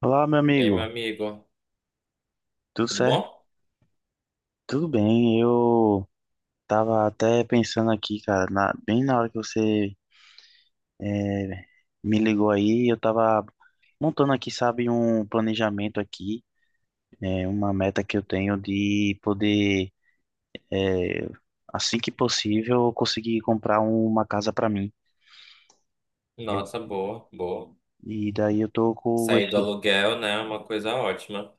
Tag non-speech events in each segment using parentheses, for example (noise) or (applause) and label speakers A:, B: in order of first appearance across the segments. A: Olá, meu
B: E aí,
A: amigo.
B: meu amigo,
A: Tudo
B: tudo
A: certo?
B: bom?
A: Tudo bem. Eu tava até pensando aqui, cara, bem na hora que você eh, me ligou aí, eu tava montando aqui, sabe, um planejamento aqui, uma meta que eu tenho de poder, eh, assim que possível, conseguir comprar uma casa para mim. Eu-
B: Nossa, boa, boa.
A: e daí eu tô com
B: Sair do
A: esse.
B: aluguel, né, é uma coisa ótima.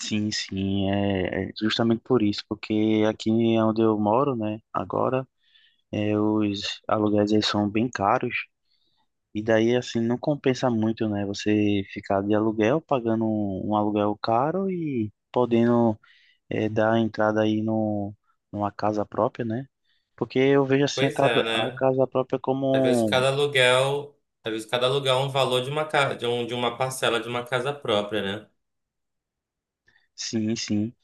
A: Sim, sim, é justamente por isso, porque aqui é onde eu moro, né, agora. É, os aluguéis eles são bem caros e daí assim não compensa muito, né? Você ficar de aluguel pagando um aluguel caro e podendo é, dar entrada aí no, numa casa própria, né? Porque eu vejo assim
B: Pois é,
A: a
B: né?
A: casa própria
B: Às vezes
A: como
B: cada aluguel, às vezes cada aluguel é um valor de de de uma parcela de uma casa própria, né?
A: sim, sim.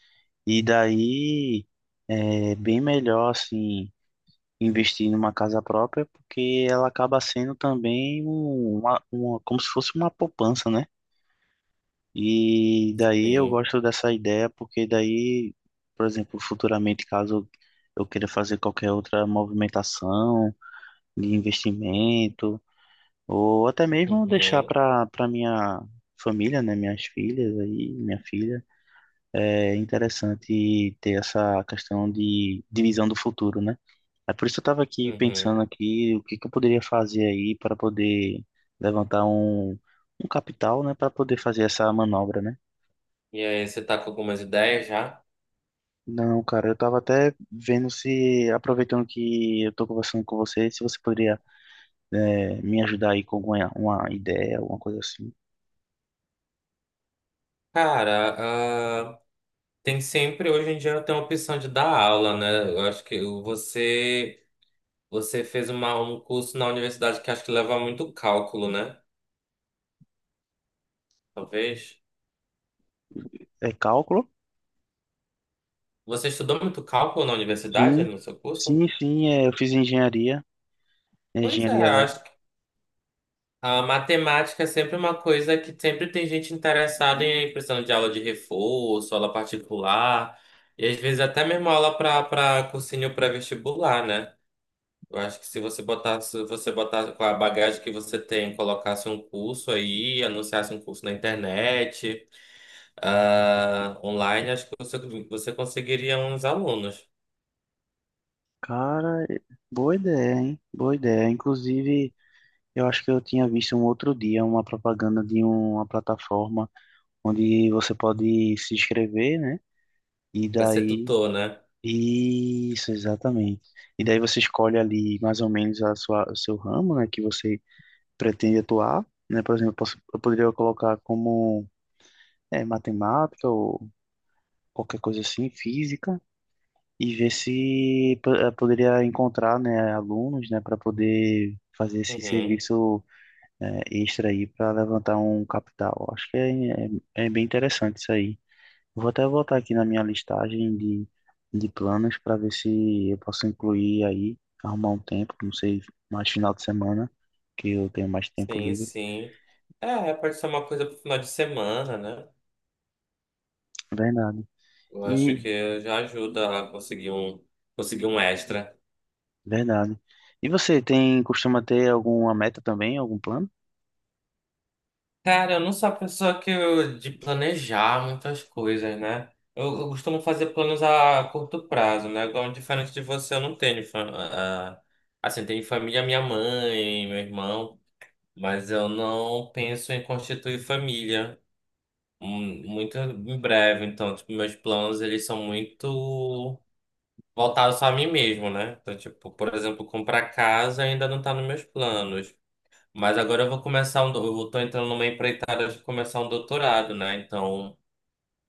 A: E daí é bem melhor assim investir numa casa própria porque ela acaba sendo também uma como se fosse uma poupança, né? E daí eu
B: Sim.
A: gosto dessa ideia porque daí, por exemplo, futuramente, caso eu queira fazer qualquer outra movimentação de investimento, ou até mesmo deixar
B: Uhum,
A: para minha família, né, minhas filhas aí, minha filha, é interessante ter essa questão de divisão do futuro, né? É por isso que eu estava aqui
B: uhum.
A: pensando aqui o que que eu poderia fazer aí para poder levantar um capital, né, para poder fazer essa manobra, né?
B: E aí, você tá com algumas ideias já?
A: Não, cara, eu tava até vendo se, aproveitando que eu tô conversando com você, se você poderia me ajudar aí com alguma uma ideia, alguma coisa assim.
B: Cara, ah, tem sempre, hoje em dia tem a opção de dar aula, né? Eu acho que você, você fez um curso na universidade que acho que leva muito cálculo, né? Talvez.
A: É cálculo?
B: Você estudou muito cálculo na universidade,
A: Sim,
B: no seu curso?
A: sim, sim. É, eu fiz engenharia,
B: Pois é,
A: engenharia elétrica.
B: acho que a matemática é sempre uma coisa que sempre tem gente interessada em precisando de aula de reforço, aula particular, e às vezes até mesmo aula para cursinho pré-vestibular, né? Eu acho que se você botasse, se você botasse com a bagagem que você tem, colocasse um curso aí, anunciasse um curso na internet, ah, online, acho que você, você conseguiria uns alunos
A: Cara, eh, boa ideia, hein? Boa ideia. Inclusive, eu acho que eu tinha visto um outro dia uma propaganda de uma plataforma onde você pode se inscrever, né? E
B: para ser
A: daí
B: tutor, né?
A: isso, exatamente. E daí você escolhe ali mais ou menos o seu ramo, né, que você pretende atuar, né? Por exemplo, eu, posso, eu poderia colocar como é, matemática ou qualquer coisa assim, física, e ver se poderia encontrar, né, alunos, né, para poder fazer esse
B: Uhum.
A: serviço extra aí para levantar um capital. Acho que é bem interessante isso aí. Vou até voltar aqui na minha listagem de planos para ver se eu posso incluir aí, arrumar um tempo, não sei, mais final de semana, que eu tenho mais tempo
B: Sim,
A: livre.
B: sim. É, pode ser uma coisa pro final de semana, né?
A: Verdade.
B: Eu acho
A: E,
B: que já ajuda a conseguir conseguir um extra.
A: verdade. E você tem, costuma ter alguma meta também, algum plano?
B: Cara, eu não sou a pessoa que de planejar muitas coisas, né? Eu costumo fazer planos a curto prazo, né? Igual, diferente de você, eu não tenho. Assim, tenho família, minha mãe, meu irmão, mas eu não penso em constituir família muito em breve. Então, tipo, meus planos, eles são muito. Voltado só a mim mesmo, né? Então, tipo, por exemplo, comprar casa ainda não tá nos meus planos. Mas agora eu vou começar eu tô entrando numa empreitada de começar um doutorado, né? Então,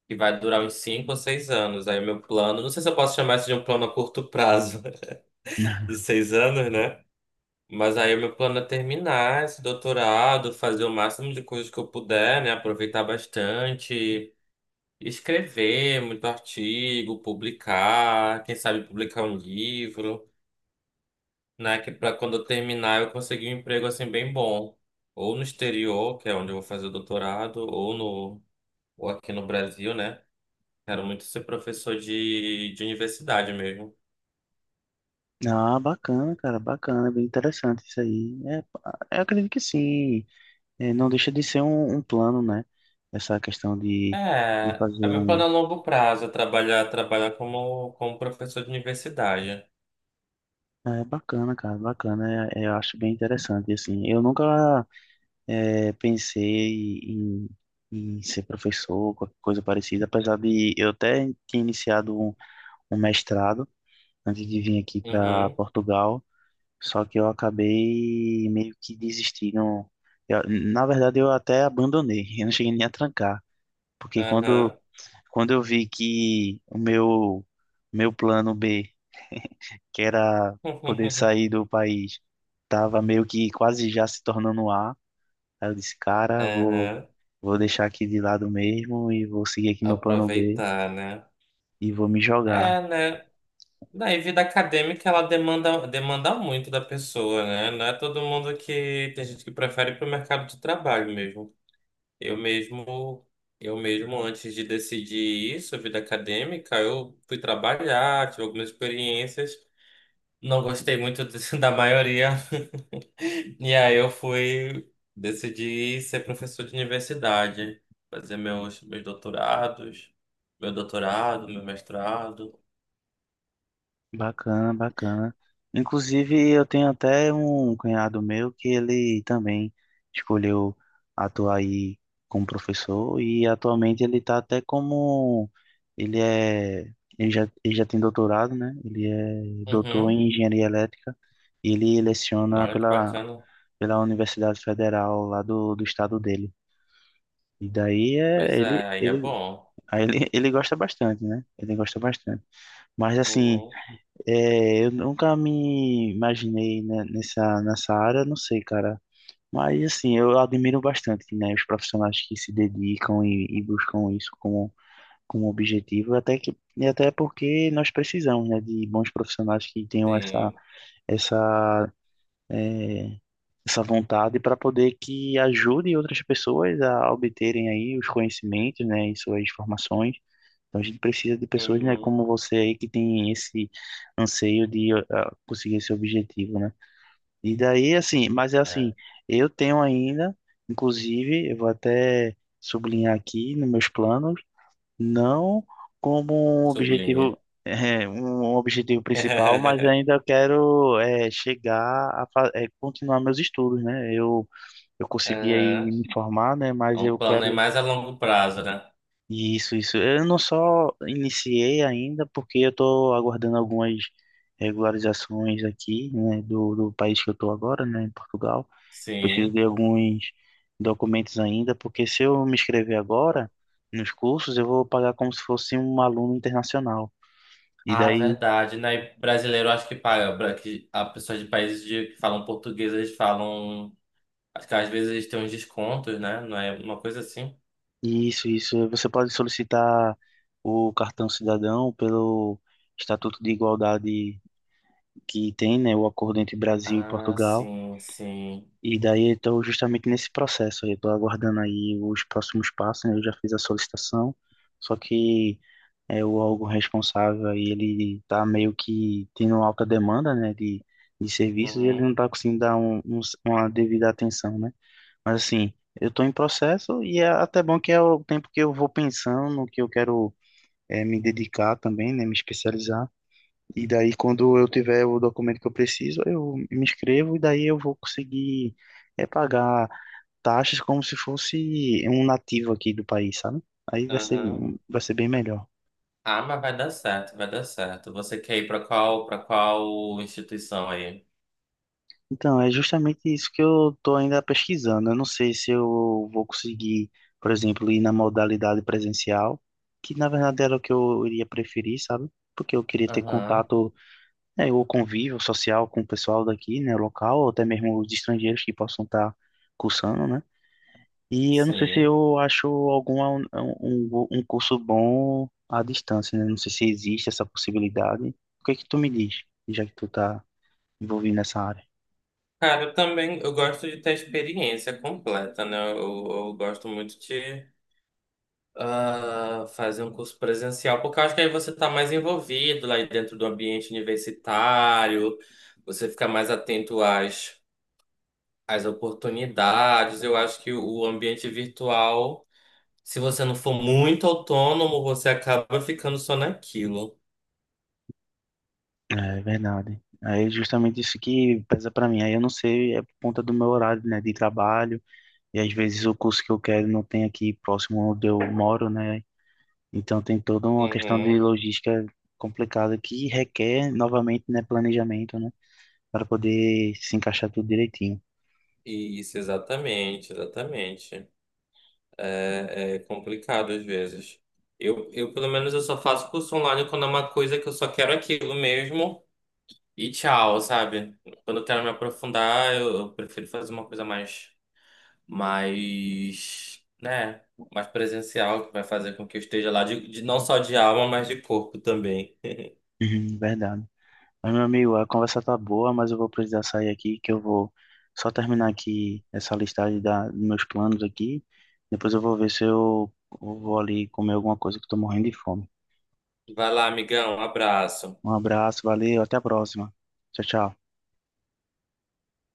B: que vai durar uns cinco ou seis anos. Aí o meu plano, não sei se eu posso chamar isso de um plano a curto prazo, (laughs) de
A: (laughs)
B: seis anos, né? Mas aí o meu plano é terminar esse doutorado, fazer o máximo de coisas que eu puder, né? Aproveitar bastante, escrever muito artigo, publicar, quem sabe publicar um livro, né? Que para quando eu terminar eu conseguir um emprego assim bem bom, ou no exterior, que é onde eu vou fazer o doutorado, ou aqui no Brasil, né? Quero muito ser professor de universidade mesmo.
A: Ah, bacana, cara, bacana, bem interessante isso aí. É, pá, eu acredito que sim. É, não deixa de ser um plano, né? Essa questão de
B: É, é
A: fazer
B: meu
A: um,
B: plano a longo prazo, é trabalhar como professor de universidade.
A: é bacana, cara, bacana. É, eu acho bem interessante, assim. Eu nunca é, pensei em ser professor, qualquer coisa parecida, apesar de eu até ter iniciado um mestrado antes de vir aqui para
B: Uhum,
A: Portugal, só que eu acabei meio que desistindo. Na verdade, eu até abandonei, (laughs) eu não cheguei nem a trancar, porque
B: aham,
A: quando eu vi que meu plano B que era poder sair do país, tava meio que quase já se tornando um A. Aí eu disse,
B: (laughs)
A: cara,
B: aham.
A: vou deixar aqui de lado mesmo e vou seguir aqui meu plano B
B: Aproveitar, né?
A: e vou me jogar.
B: É, né? Daí, vida acadêmica, ela demanda muito da pessoa, né? Não é todo mundo que... Tem gente que prefere ir para o mercado de trabalho mesmo. Eu mesmo, eu mesmo, antes de decidir isso, vida acadêmica, eu fui trabalhar, tive algumas experiências. Não gostei muito de- (laughs) da maioria. E aí eu fui... Decidi ser professor de universidade. Fazer meus doutorados. Meu doutorado, meu mestrado.
A: Bacana, bacana. Inclusive, eu tenho até um cunhado meu que ele também escolheu atuar aí como professor e atualmente ele tá até como ele é ele já tem doutorado, né? Ele é doutor
B: Uhum.
A: em engenharia elétrica e ele leciona
B: Olha que
A: pela,
B: bacana.
A: pela Universidade Federal lá do, do estado dele. E daí é,
B: Pois é, aí é
A: ele,
B: bom.
A: aí ele, (laughs) ele gosta bastante, né? Ele gosta bastante. Mas assim,
B: Uhum,
A: é, eu nunca me imaginei né, nessa área, não sei, cara. Mas assim, eu admiro bastante, né, os profissionais que se dedicam e buscam isso como, como objetivo, até que, e até porque nós precisamos, né, de bons profissionais que tenham essa,
B: sim.
A: essa, é, essa vontade para poder que ajude outras pessoas a obterem aí os conhecimentos, né, e suas formações. Então a gente precisa de pessoas, né,
B: Uhum,
A: como você aí que tem esse anseio de ah, conseguir esse objetivo, né? E daí assim, mas é
B: é,
A: assim, eu tenho ainda, inclusive, eu vou até sublinhar aqui nos meus planos, não como um
B: sublinha.
A: objetivo é, um objetivo principal, mas
B: (laughs)
A: ainda eu quero é, chegar a continuar meus estudos, né? Eu consegui aí
B: Aham.
A: me formar, né?
B: É
A: Mas
B: um
A: eu
B: plano aí
A: quero
B: mais a longo prazo, né?
A: isso, isso. Eu não só iniciei ainda, porque eu estou aguardando algumas regularizações aqui, né? Do país que eu estou agora, né? Em Portugal. Preciso
B: Sim.
A: de alguns documentos ainda, porque se eu me inscrever agora nos cursos, eu vou pagar como se fosse um aluno internacional. E
B: Ah, é
A: daí,
B: verdade, né? E brasileiro acho que paga. Que a pessoas de países que falam português, eles falam. Acho que às vezes eles têm uns descontos, né? Não é uma coisa assim.
A: isso, isso. Você pode solicitar o cartão cidadão pelo Estatuto de Igualdade que tem, né, o acordo entre Brasil e
B: Ah,
A: Portugal.
B: sim, sim.
A: E daí eu estou justamente nesse processo. Eu estou aguardando aí os próximos passos, né? Eu já fiz a solicitação, só que é, o órgão responsável aí, ele está meio que tendo alta demanda, né, de serviços e ele não
B: Uhum,
A: está conseguindo dar uma devida atenção, né? Mas assim, eu estou em processo e é até bom que é o tempo que eu vou pensando no que eu quero é, me dedicar também, né, me especializar. E daí, quando eu tiver o documento que eu preciso, eu me inscrevo e daí eu vou conseguir é, pagar taxas como se fosse um nativo aqui do país, sabe? Aí
B: uhum.
A: vai ser bem melhor.
B: Ah, mas vai dar certo, vai dar certo. Você quer ir pra qual, para qual instituição aí?
A: Então, é justamente isso que eu estou ainda pesquisando. Eu não sei se eu vou conseguir, por exemplo, ir na modalidade presencial, que na verdade era o que eu iria preferir, sabe? Porque eu queria ter
B: Aham.
A: contato, né, ou convívio social com o pessoal daqui, né, local, ou até mesmo os estrangeiros que possam estar cursando, né? E eu não sei se
B: Sim.
A: eu acho um curso bom à distância, né? Não sei se existe essa possibilidade. O que é que tu me diz, já que tu tá envolvido nessa área?
B: Cara, eu também eu gosto de ter a experiência completa, né? Eu gosto muito de fazer um curso presencial, porque eu acho que aí você está mais envolvido lá dentro do ambiente universitário, você fica mais atento às oportunidades. Eu acho que o ambiente virtual, se você não for muito autônomo, você acaba ficando só naquilo.
A: É verdade. Aí é justamente isso que pesa pra mim. Aí eu não sei, é por conta do meu horário, né, de trabalho, e às vezes o curso que eu quero não tem aqui próximo onde eu moro, né? Então tem toda uma questão
B: Uhum.
A: de logística complicada que requer novamente, né, planejamento, né, para poder se encaixar tudo direitinho.
B: Isso, exatamente, exatamente. É é complicado às vezes. Pelo menos, eu só faço curso online quando é uma coisa que eu só quero aquilo mesmo e tchau, sabe? Quando eu quero me aprofundar, eu prefiro fazer uma coisa mais, mais, né, mais presencial, que vai fazer com que eu esteja lá, não só de alma, mas de corpo também.
A: Uhum, verdade. Mas, meu amigo, a conversa tá boa, mas eu vou precisar sair aqui, que eu vou só terminar aqui essa listagem da, dos meus planos aqui. Depois eu vou ver se eu vou ali comer alguma coisa que eu tô morrendo de fome.
B: Vai lá, amigão, um abraço.
A: Um abraço, valeu, até a próxima. Tchau, tchau.